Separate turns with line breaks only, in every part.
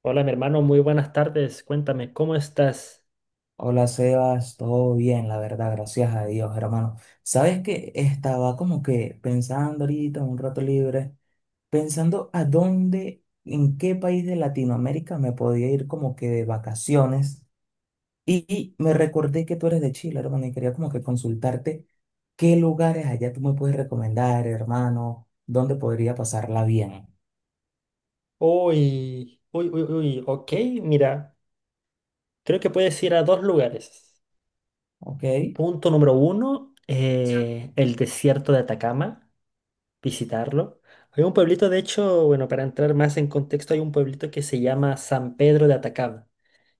Hola, mi hermano, muy buenas tardes. Cuéntame, ¿cómo estás?
Hola Sebas, todo bien, la verdad, gracias a Dios, hermano. Sabes que estaba como que pensando ahorita, un rato libre, pensando a dónde, en qué país de Latinoamérica me podía ir como que de vacaciones. Y me recordé que tú eres de Chile, hermano, y quería como que consultarte qué lugares allá tú me puedes recomendar, hermano, dónde podría pasarla bien.
Uy, uy, uy, uy, ok, mira, creo que puedes ir a dos lugares.
Ok,
Punto número uno, el desierto de Atacama, visitarlo. Hay un pueblito, de hecho, bueno, para entrar más en contexto, hay un pueblito que se llama San Pedro de Atacama.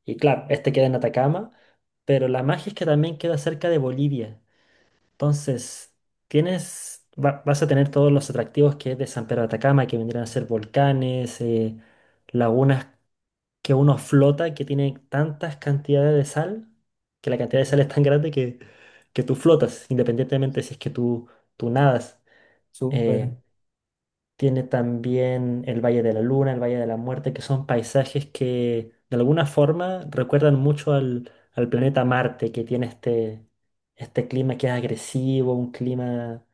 Y claro, este queda en Atacama, pero la magia es que también queda cerca de Bolivia. Entonces, tienes, vas a tener todos los atractivos que es de San Pedro de Atacama, que vendrían a ser volcanes, lagunas que uno flota, que tiene tantas cantidades de sal, que la cantidad de sal es tan grande que tú flotas, independientemente si es que tú nadas.
súper,
Eh, Tiene también el Valle de la Luna, el Valle de la Muerte, que son paisajes que de alguna forma recuerdan mucho al planeta Marte, que tiene este clima que es agresivo, un clima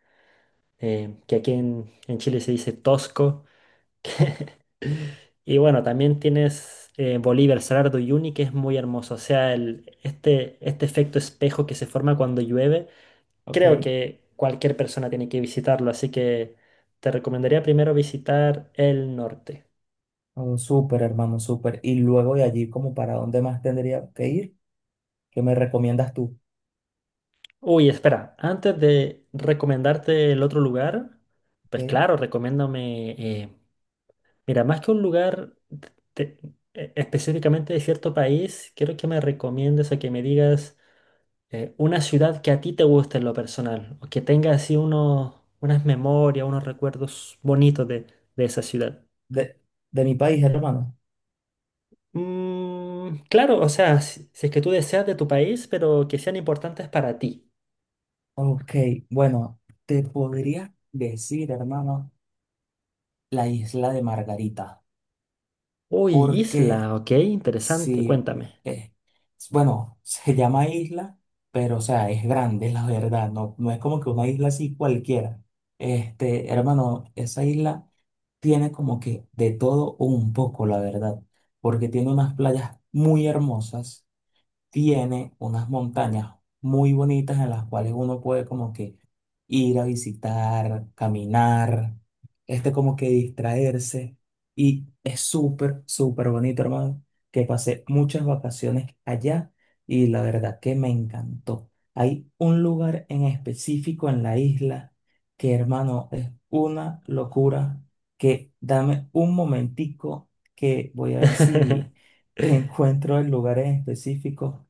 que aquí en Chile se dice tosco. Y bueno, también tienes Bolívar, Salar de Uyuni, que es muy hermoso. O sea, este efecto espejo que se forma cuando llueve,
ok,
creo que cualquier persona tiene que visitarlo. Así que te recomendaría primero visitar el norte.
oh, súper, hermano, súper. Y luego de allí, como para dónde más tendría que ir. ¿Qué me recomiendas tú?
Uy, espera, antes de recomendarte el otro lugar,
¿Ok?
pues claro, recomiéndame mira, más que un lugar te- específicamente de cierto país, quiero que me recomiendes o que me digas una ciudad que a ti te guste en lo personal o que tenga así unas memorias, unos recuerdos bonitos de esa ciudad.
De, de mi país, hermano.
Mm, claro, o sea, si es que tú deseas de tu país, pero que sean importantes para ti.
Ok, bueno, te podría decir, hermano, la isla de Margarita,
Uy,
porque
isla, ok, interesante,
si,
cuéntame.
eh, bueno, se llama isla, pero o sea, es grande, la verdad, no, no es como que una isla así cualquiera. Este, hermano, esa isla tiene como que de todo un poco, la verdad, porque tiene unas playas muy hermosas, tiene unas montañas muy bonitas en las cuales uno puede como que ir a visitar, caminar, este, como que distraerse. Y es súper, súper bonito, hermano, que pasé muchas vacaciones allá y la verdad que me encantó. Hay un lugar en específico en la isla que, hermano, es una locura, que dame un momentico que voy a ver si te encuentro el lugar en específico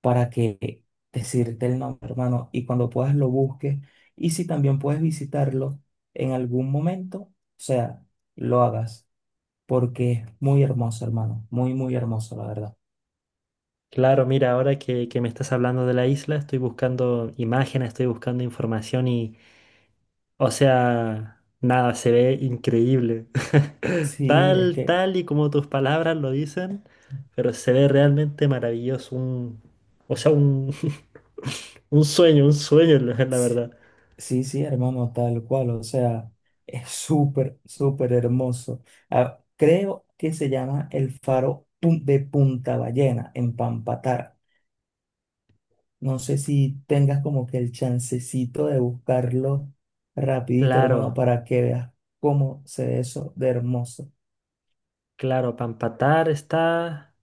para que decirte el nombre, hermano, y cuando puedas lo busques. Y si también puedes visitarlo en algún momento, o sea, lo hagas, porque es muy hermoso, hermano, muy, muy hermoso, la verdad.
Claro, mira, ahora que me estás hablando de la isla, estoy buscando imágenes, estoy buscando información y, o sea, nada, se ve increíble.
Sí, es que,
Tal y como tus palabras lo dicen, pero se ve realmente maravilloso, o sea, un, un sueño, la
s-
verdad.
sí, sí, hermano, tal cual, o sea, es súper, súper hermoso. Ah, creo que se llama el faro de Punta Ballena, en Pampatar. No sé si tengas como que el chancecito de buscarlo rapidito, hermano,
Claro,
para que veas cómo se ve eso de hermoso.
claro, Pampatar está,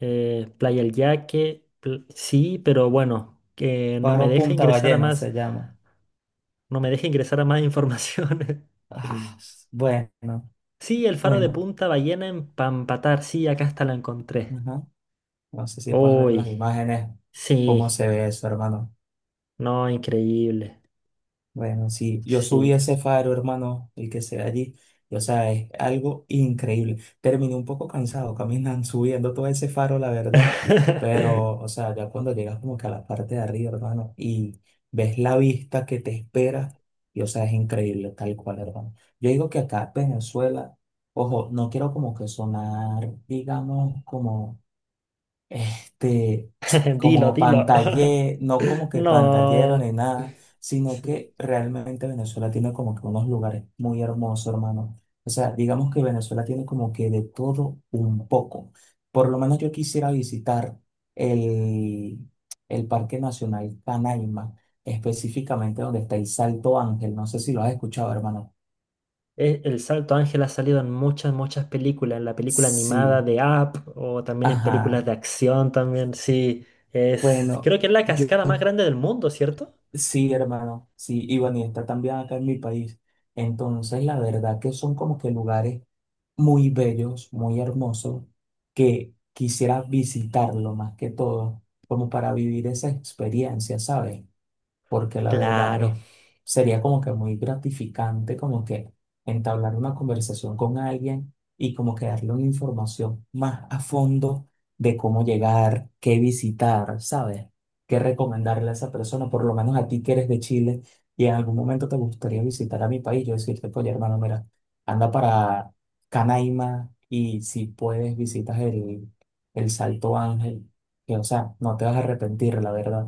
Playa El Yaque, sí, pero bueno, que no me
Paro
deja
Punta
ingresar a
Ballena
más.
se llama.
No me deja ingresar a más información.
Ah, bueno,
Sí, el faro de
bueno.
Punta Ballena en Pampatar. Sí, acá hasta la encontré.
Ajá. No sé si puedes ver las
Uy,
imágenes, cómo
sí.
se ve eso, hermano.
No, increíble.
Bueno, sí, yo subí
Sí.
ese faro, hermano, el que se ve allí. O sea, es algo increíble. Terminé un poco cansado caminando, subiendo todo ese faro, la verdad. Pero, o sea, ya cuando llegas como que a la parte de arriba, hermano, y ves la vista que te espera, y o sea, es increíble, tal cual, hermano. Yo digo que acá en Venezuela, ojo, no quiero como que sonar, digamos, como este, como
Dilo.
pantallero, no como que pantallero ni
No.
nada, sino
Sí.
que realmente Venezuela tiene como que unos lugares muy hermosos, hermano. O sea, digamos que Venezuela tiene como que de todo un poco. Por lo menos yo quisiera visitar el, el Parque Nacional Canaima, específicamente donde está el Salto Ángel. No sé si lo has escuchado, hermano.
El Salto Ángel ha salido en muchas, muchas películas. En la película animada
Sí,
de Up o también en películas
ajá.
de acción también. Sí. Es,
Bueno,
creo que es la
yo
cascada más grande del mundo, ¿cierto?
sí, hermano, sí, y bueno, y está también acá en mi país. Entonces, la verdad que son como que lugares muy bellos, muy hermosos, que quisiera visitarlo más que todo, como para vivir esa experiencia, ¿sabes? Porque la verdad
Claro.
es, sería como que muy gratificante como que entablar una conversación con alguien y como que darle una información más a fondo de cómo llegar, qué visitar, ¿sabes? Qué recomendarle a esa persona, por lo menos a ti que eres de Chile y en algún momento te gustaría visitar a mi país, yo decirte, oye, hermano, mira, anda para Canaima y si puedes visitas el Salto Ángel, que o sea, no te vas a arrepentir, la verdad.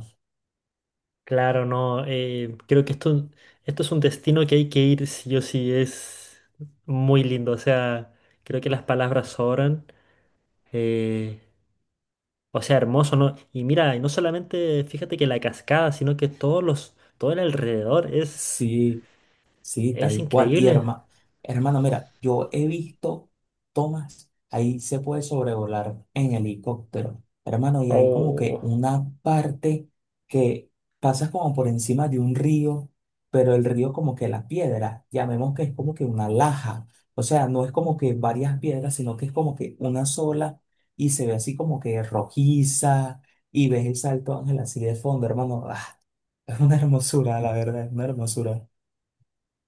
Claro, no, creo que esto es un destino que hay que ir sí o sí, es muy lindo, o sea, creo que las palabras sobran, eh, o sea, hermoso, ¿no? Y mira, y no solamente fíjate que la cascada, sino que todo el alrededor
Sí, sí,
es
tal cual. Y
increíble.
hermano, mira, yo he visto tomas, ahí se puede sobrevolar en helicóptero, hermano, y hay como que
Oh,
una parte que pasas como por encima de un río, pero el río como que la piedra, llamemos que es como que una laja, o sea, no es como que varias piedras, sino que es como que una sola y se ve así como que rojiza y ves el Salto Ángel así de fondo, hermano. Ah, es una hermosura, la verdad, es una hermosura.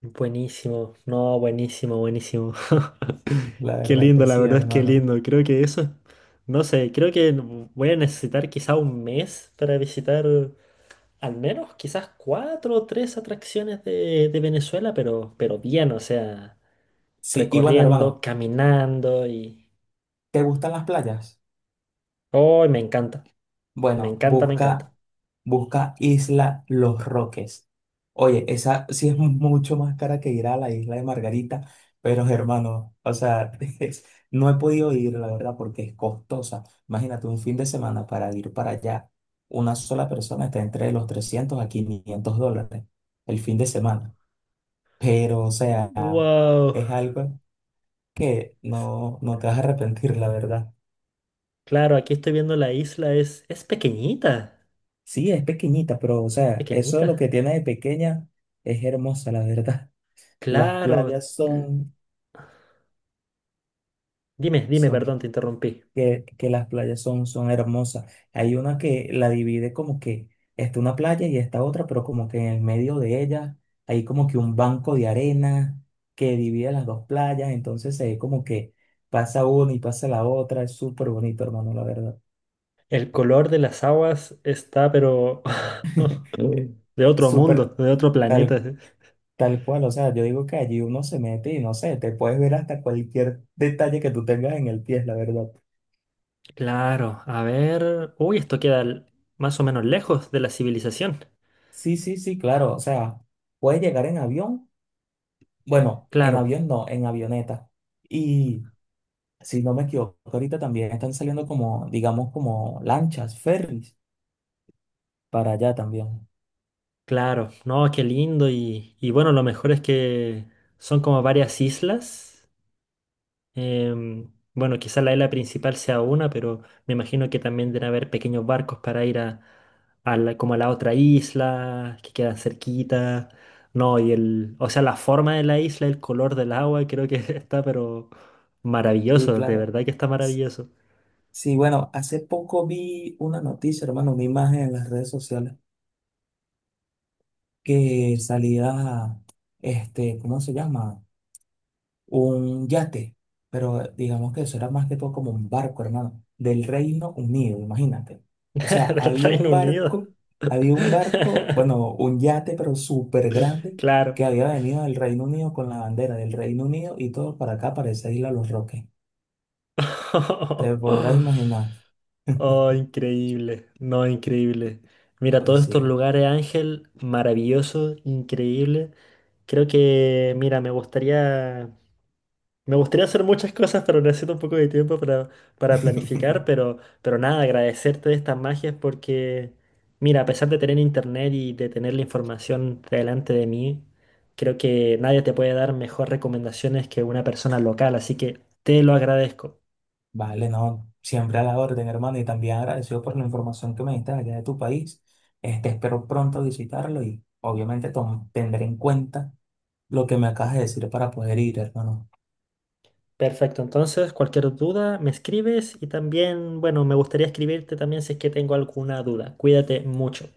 buenísimo, no, buenísimo, buenísimo.
La
Qué
verdad
lindo,
que
la
sí,
verdad es que
hermano.
lindo, creo que eso, no sé, creo que voy a necesitar quizá un mes para visitar al menos quizás cuatro o tres atracciones de Venezuela, pero bien, o sea,
Sí, y bueno,
recorriendo,
hermano,
caminando y...
¿te gustan las playas?
¡Oh, me encanta! Me
Bueno,
encanta, me encanta.
busca Isla Los Roques. Oye, esa sí es mucho más cara que ir a la isla de Margarita, pero hermano, o sea, es- no he podido ir, la verdad, porque es costosa. Imagínate, un fin de semana para ir para allá, una sola persona está entre los $300 a $500 el fin de semana. Pero, o sea,
¡Wow!
es algo que no, no te vas a arrepentir, la verdad.
Claro, aquí estoy viendo la isla, es pequeñita,
Sí, es pequeñita, pero o sea, eso de lo
pequeñita.
que tiene de pequeña es hermosa, la verdad. Las
Claro.
playas son,
Dime, perdón,
son,
te interrumpí.
que las playas son, son hermosas. Hay una que la divide como que está una playa y está otra, pero como que en el medio de ella hay como que un banco de arena que divide las dos playas, entonces se ve como que pasa una y pasa la otra. Es súper bonito, hermano, la verdad.
El color de las aguas está, pero...
Eh,
de otro
Súper,
mundo, de otro planeta.
tal
Sí.
tal cual, o sea, yo digo que allí uno se mete y no sé, te puedes ver hasta cualquier detalle que tú tengas en el pie, la verdad.
Claro, a ver. Uy, esto queda más o menos lejos de la civilización.
Sí, sí, sí, claro, o sea, puedes llegar en avión, bueno, en
Claro,
avión no, en avioneta. Y si no me equivoco, ahorita también están saliendo como, digamos, como lanchas, ferries para allá también.
claro. No, qué lindo. Y bueno, lo mejor es que son como varias islas. Em, bueno, quizá la isla principal sea una, pero me imagino que también deben haber pequeños barcos para ir a, como a la otra isla, que quedan cerquita. No, y el, o sea, la forma de la isla, el color del agua, creo que está, pero
Sí,
maravilloso, de
claro.
verdad que está
S-
maravilloso.
Sí, bueno, hace poco vi una noticia, hermano, una imagen en las redes sociales que salía, este, ¿cómo se llama? Un yate, pero digamos que eso era más que todo como un barco, hermano, del Reino Unido, imagínate. O sea,
Del Reino Unido.
había un barco, bueno, un yate, pero súper grande,
Claro.
que había venido del Reino Unido con la bandera del Reino Unido y todo para acá, para esa isla Los Roques. Te podrás imaginar.
Oh, increíble. No, increíble. Mira, todos
Pues
estos
sí.
lugares, Ángel, maravilloso, increíble. Creo que, mira, me gustaría me gustaría hacer muchas cosas, pero necesito un poco de tiempo para planificar, pero nada, agradecerte de estas magias porque, mira, a pesar de tener internet y de tener la información delante de mí, creo que nadie te puede dar mejores recomendaciones que una persona local, así que te lo agradezco.
Vale, no, siempre a la orden, hermano, y también agradecido por la información que me diste allá de tu país. Este, espero pronto visitarlo y obviamente tendré en cuenta lo que me acabas de decir para poder ir, hermano.
Perfecto, entonces cualquier duda me escribes y también, bueno, me gustaría escribirte también si es que tengo alguna duda. Cuídate mucho.